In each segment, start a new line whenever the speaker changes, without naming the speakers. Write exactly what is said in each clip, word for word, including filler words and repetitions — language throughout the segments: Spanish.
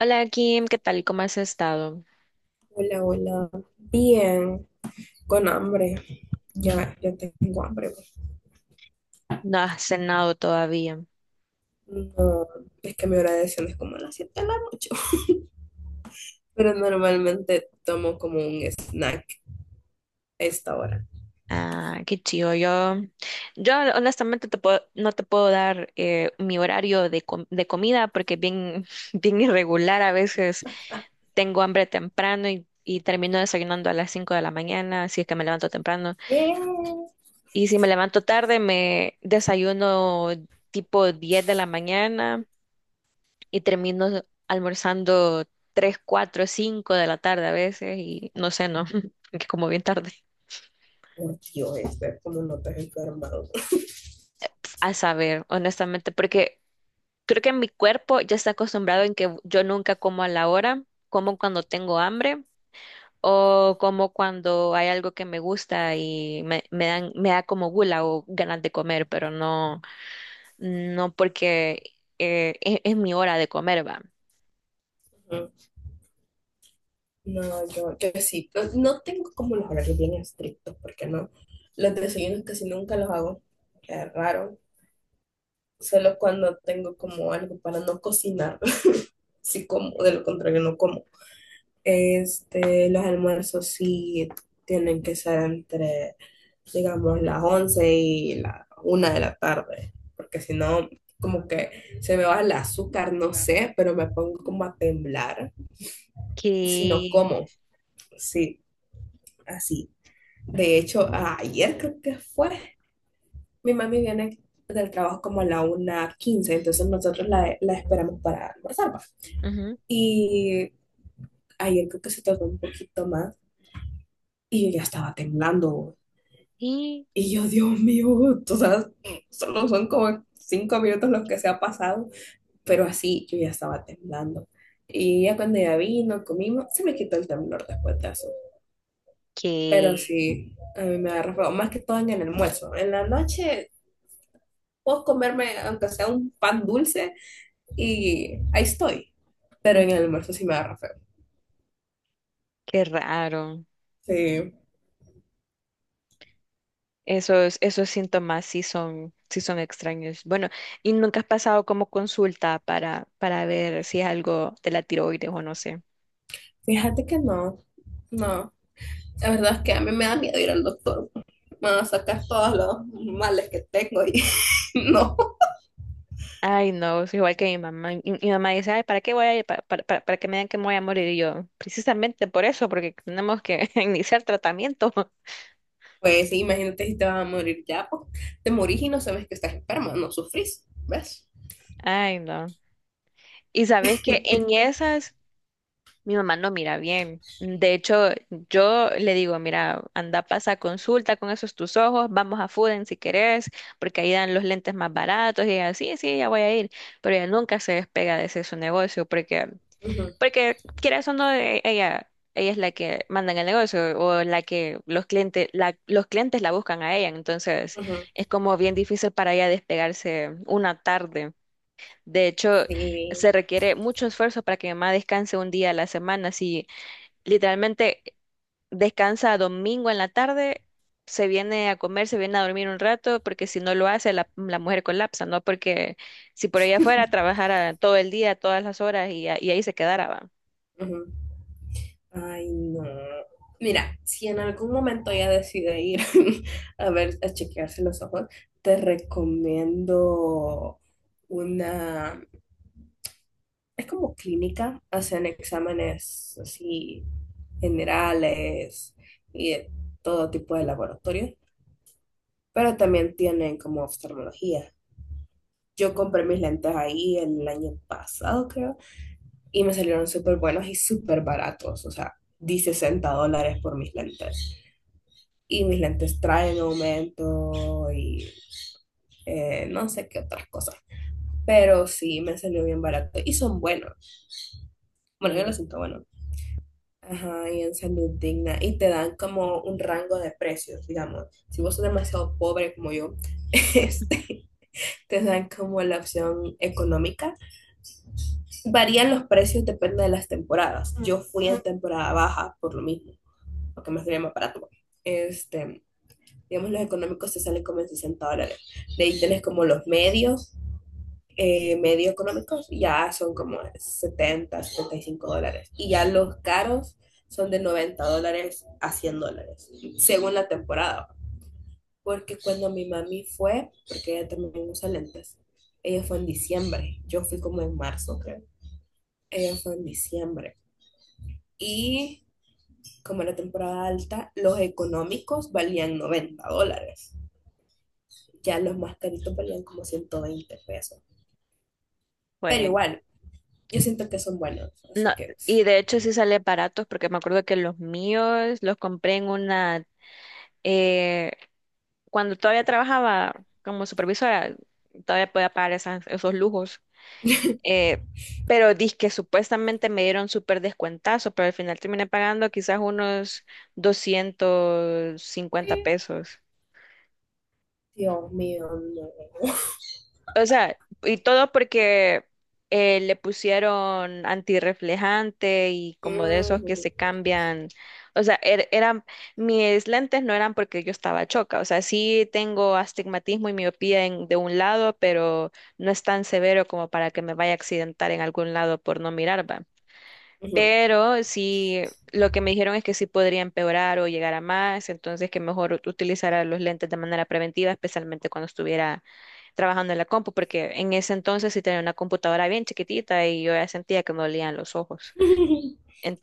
Hola Kim, ¿qué tal? ¿Cómo has estado?
Hola, hola. Bien, con hambre. Ya, ya tengo hambre.
No has cenado todavía.
No, es que mi hora de cena es como a las siete de la noche. Pero normalmente tomo como un snack a esta hora.
Ah, qué chido. Yo, yo honestamente te puedo- no te puedo dar eh, mi horario de, com- de comida porque es bien, bien irregular. A veces tengo hambre temprano y, y termino desayunando a las cinco de la mañana, si es que me levanto temprano.
¿Qué?
Y si me levanto tarde, me desayuno tipo diez de la mañana y termino almorzando tres cuatro cinco de la tarde a veces y no sé, no, que como bien tarde.
Por Dios, este, como no te has enfermado.
A saber, honestamente, porque creo que mi cuerpo ya está acostumbrado en que yo nunca como a la hora, como cuando tengo hambre o como cuando hay algo que me gusta y me, me dan, me da como gula o ganas de comer, pero no, no porque eh, es, es mi hora de comer, va.
Ujú. No, yo, yo sí. No, no tengo como los horarios bien estrictos, porque no. Los desayunos casi nunca los hago. Es raro. Solo cuando tengo como algo para no cocinar. Sí como, de lo contrario no como. Este, los almuerzos sí tienen que ser entre, digamos, las once y la una de la tarde, porque si no, como que se me va el azúcar, no sé, pero me pongo como a temblar, si no
Que,
como, sí, así. De hecho, ayer creo que fue, mi mami viene del trabajo como a la una quince, entonces nosotros la, la esperamos para almorzar, va.
Ujú.
Y ayer creo que se tardó un poquito más y yo ya estaba temblando.
y
Y yo, Dios mío, o sea, solo son como cinco minutos los que se ha pasado, pero así yo ya estaba temblando. Y ya cuando ya vino, comimos, se me quitó el temblor después de eso. Pero
que,
sí, a mí me agarra feo, más que todo en el almuerzo. En la noche puedo comerme, aunque sea un pan dulce, y ahí estoy. Pero en el almuerzo sí me agarra feo.
Qué raro.
Sí,
Esos, esos síntomas sí son, sí son extraños. Bueno, ¿y nunca has pasado como consulta para, para ver si es algo de la tiroides o no sé?
fíjate que no, no. La verdad es que a mí me da miedo ir al doctor. Me van a sacar todos los males que tengo y no.
Ay, no, es igual que mi mamá. Y- Mi, mamá dice, ay, ¿para qué voy a ir? Pa- Para, para, para que me digan que me voy a morir. Y yo, precisamente por eso, porque tenemos que iniciar tratamiento.
Pues sí, imagínate si te vas a morir ya, pues te morís y no sabes que estás enferma, no sufrís, ¿ves?
Ay, no. Y sabes que en esas, mi mamá no mira bien. De hecho, yo le digo, mira, anda, pasa consulta con esos tus ojos, vamos a Fuden si querés, porque ahí dan los lentes más baratos y ella, sí, sí, ya voy a ir, pero ella nunca se despega de ese su negocio porque,
Ujú,
porque quieras o no, e- ella, ella es la que manda en el negocio o la que los clientes, la, los clientes la buscan a ella, entonces
ujú,
es como bien difícil para ella despegarse una tarde. De hecho,
sí.
se requiere mucho esfuerzo para que mi mamá descanse un día a la semana. Si literalmente descansa domingo en la tarde, se viene a comer, se viene a dormir un rato, porque si no lo hace, la, la mujer colapsa, ¿no? Porque si por ella fuera, trabajara todo el día, todas las horas y, a- y ahí se quedara, va.
Ujú. Ay, no. Mira, si en algún momento ya decide ir a ver, a chequearse los ojos, te recomiendo una, es como clínica, hacen exámenes así generales y de todo tipo de laboratorios, pero también tienen como oftalmología. Yo compré
Ujú.
mis lentes ahí el año pasado, creo, y me salieron súper buenos y súper baratos. O sea, di sesenta dólares por mis lentes. Y mis lentes traen aumento y eh, no sé qué otras cosas. Pero sí, me salió bien barato y son buenos. Bueno, yo lo
Y
siento bueno. Ajá, y en Salud Digna. Y te dan como un rango de precios, digamos. Si vos sos demasiado pobre como yo, este, te dan como la opción económica. Varían los precios, depende de las temporadas. Yo fui en temporada baja por lo mismo, porque me salía más barato. Este, digamos, los económicos te salen como en sesenta dólares. De ahí tenés como los medios, eh, medio económicos, ya son como setenta, setenta y cinco dólares. Y ya los caros son de noventa dólares a cien dólares, según la temporada, porque cuando mi mami fue, porque ella también usa lentes, ella fue en diciembre, yo fui como en marzo, creo, ella fue en diciembre. Y como era temporada alta, los económicos valían noventa dólares, ya los más caritos valían como ciento veinte pesos. Pero
pues
igual, yo siento que son buenos,
No,
así que...
y de hecho sí sale baratos, porque me acuerdo que los míos los compré en una, eh, cuando todavía trabajaba como supervisora, todavía podía pagar esas- esos lujos. Eh, pero que supuestamente me dieron súper descuentazo, pero al final terminé pagando quizás unos doscientos cincuenta pesos.
Dios mío, no.
O sea, y todo porque eh, le pusieron antirreflejante y como de esos que
Ujú.
se cambian. O sea, er- eran, mis lentes no eran porque yo estaba choca. O sea, sí tengo astigmatismo y miopía en- de un lado, pero no es tan severo como para que me vaya a accidentar en algún lado por no mirar, ¿va?
Ujú.
Pero sí, lo que me dijeron es que sí podría empeorar o llegar a más, entonces que mejor ut- utilizara los lentes de manera preventiva, especialmente cuando estuviera trabajando en la compu, porque en ese entonces sí tenía una computadora bien chiquitita y yo ya sentía que me dolían los ojos.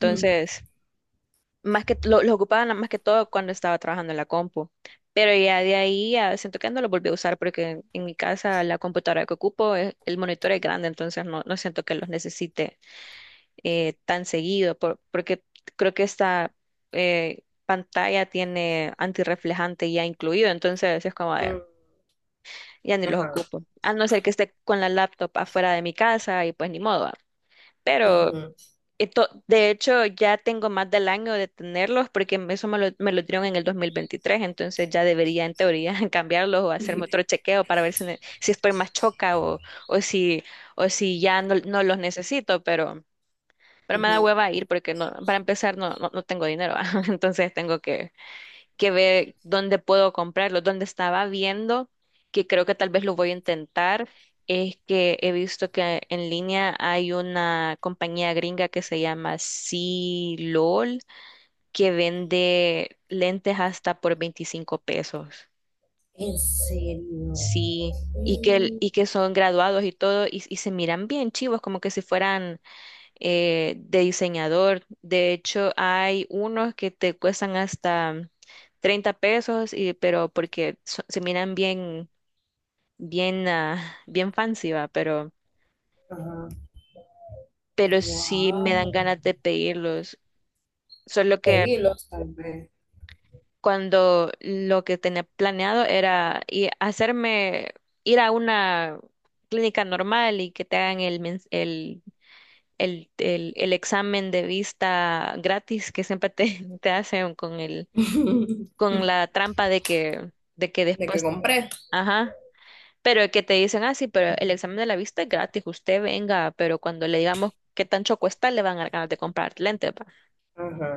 Ujú,
más que lo, lo ocupaba na- más que todo cuando estaba trabajando en la compu. Pero ya de ahí ya siento que no lo volví a usar porque en, en mi casa la computadora que ocupo, eh, el monitor es grande, entonces no, no siento que los necesite eh, tan seguido, por- porque creo que esta eh, pantalla tiene antirreflejante ya incluido, entonces es como de,
ujú,
ya ni los
ajá.
ocupo. A no ser que esté con la laptop afuera de mi casa y pues ni modo, ¿va? Pero
Ujú,
esto- de hecho ya tengo más del año de tenerlos porque eso me lo, me lo dieron en el dos mil veintitrés, entonces ya debería en teoría cambiarlos o hacerme
ujú,
otro chequeo para ver si, ne- si estoy más choca o, o si, o si ya no, no los necesito, pero. Pero me da
ujú.
hueva ir porque no, para empezar no, no, no tengo dinero, ¿va? Entonces tengo que, que ver dónde puedo comprarlo. Donde estaba viendo, que creo que tal vez lo voy a intentar, es que he visto que en línea hay una compañía gringa que se llama C-LOL, que vende lentes hasta por veinticinco pesos.
En serio.
Sí, y que, el-
Mm.
y que son graduados y todo, y, y se miran bien chivos, como que si fueran eh, de diseñador. De hecho, hay unos que te cuestan hasta treinta pesos, y, pero porque so- se miran bien, bien, ah, bien fancy, va, pero,
Ajá.
pero sí me dan
Wow.
ganas de pedirlos. Solo que
Pedirlos, tal vez.
cuando lo que tenía planeado era i- hacerme ir a una clínica normal y que te hagan el, mens- el, el, el, el examen de vista gratis que siempre te, te hacen con el, con la trampa de que, de que
De que
después,
compré.
ajá, pero que te dicen, ah, sí, pero el examen de la vista es gratis, usted venga, pero cuando le digamos qué tan choco está, le van a dar ganas de comprar lentes, va.
Ajá.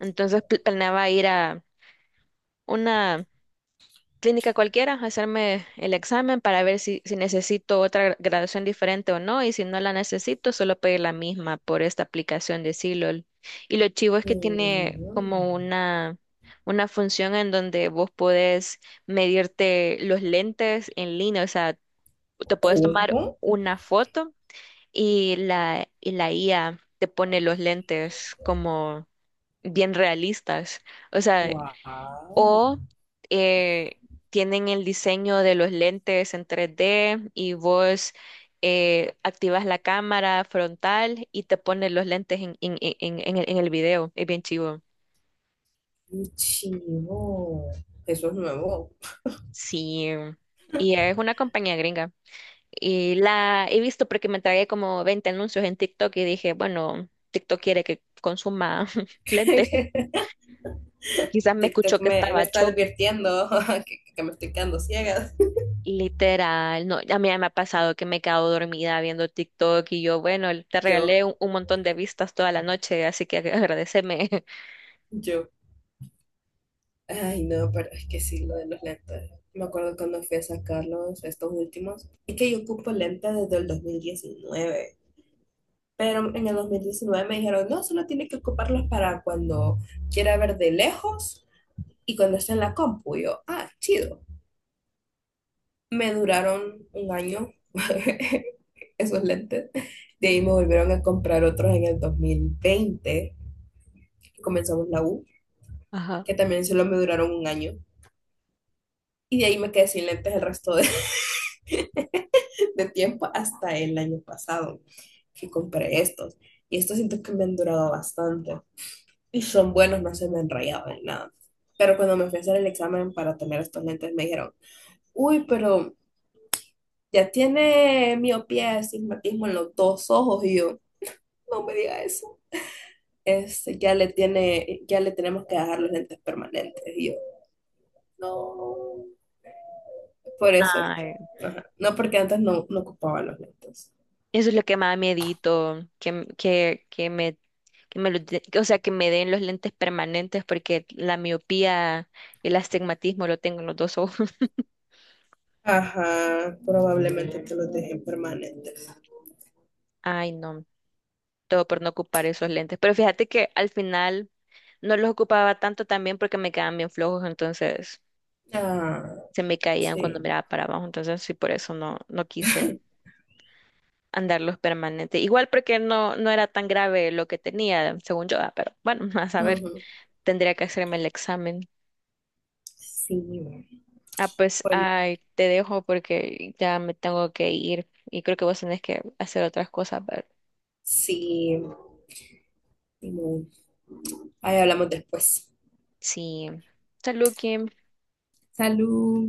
Entonces pl- planeaba ir a una clínica cualquiera, hacerme el examen para ver si, si necesito otra gra- graduación diferente o no, y si no la necesito, solo pedir la misma por esta aplicación de Silol. Y lo chivo es que tiene
Mm.
como una, una función en donde vos podés medirte los lentes en línea, o sea, te puedes tomar
¿Cómo?
una foto y la, y la I A te pone los lentes como bien realistas. O sea,
Wow.
o eh, tienen el diseño de los lentes en tres D y vos eh, activas la cámara frontal y te pones los lentes en, en- en- en el, en el video. Es bien chivo.
Qué chivo. Eso es nuevo.
Sí, y es una compañía gringa. Y la he visto porque me tragué como veinte anuncios en TikTok y dije, bueno, TikTok quiere que consuma lentes. Quizás me escuchó
TikTok
que
me,
estaba.
me está advirtiendo que, que me estoy quedando ciega.
Literal, no, a mí ya me ha pasado que me he quedado dormida viendo TikTok y yo, bueno, te
Yo,
regalé un, un montón de vistas toda la noche, así que agradeceme.
yo. Ay, no, pero es que sí, lo de los lentes. Me acuerdo cuando fui a sacarlos, estos últimos. Es que yo ocupo lentes desde el dos mil diecinueve. Pero en el dos mil diecinueve me dijeron, no, solo tiene que ocuparlos para cuando quiera ver de lejos y cuando esté en la compu. Y yo, ah, chido. Me duraron un año esos lentes. De ahí me volvieron a comprar otros en el dos mil veinte, que comenzamos la U,
Ajá.
que también solo me duraron un año. Y de ahí me quedé sin lentes el resto de, de tiempo hasta el año pasado, que compré estos. Y estos siento que me han durado bastante, y son buenos, no se me enrayaban ni nada. Pero cuando me fui a hacer el examen para tener estos lentes, me dijeron, uy, pero ya tiene miopía, astigmatismo en los dos ojos. Y yo, no me diga eso. Es, ya le tiene, ya le tenemos que dejar los lentes permanentes. Y yo, no. Por eso es que,
Ay,
ajá. No porque antes no, no ocupaba los lentes.
eso es lo que más miedito, que, m- que, que me, que me lo de- que, o sea, que me den los lentes permanentes porque la miopía y el astigmatismo lo tengo en los dos ojos.
Ajá, probablemente te los dejen permanentes.
Ay, no, todo por no ocupar esos lentes. Pero fíjate que al final no los ocupaba tanto también porque me quedaban bien flojos, entonces.
Ah,
Se me caían cuando
sí.
miraba para abajo, entonces sí, por eso no, no quise andarlos permanente. Igual porque no, no era tan grave lo que tenía, según yo, ah, pero bueno, a saber,
Ujú.
tendría que hacerme el examen.
Sí,
Ah, pues,
bueno,
ay, te dejo porque ya me tengo que ir y creo que vos tenés que hacer otras cosas, pero
sí. Simón. Ahí hablamos después.
sí. Salud, Kim.
Salud.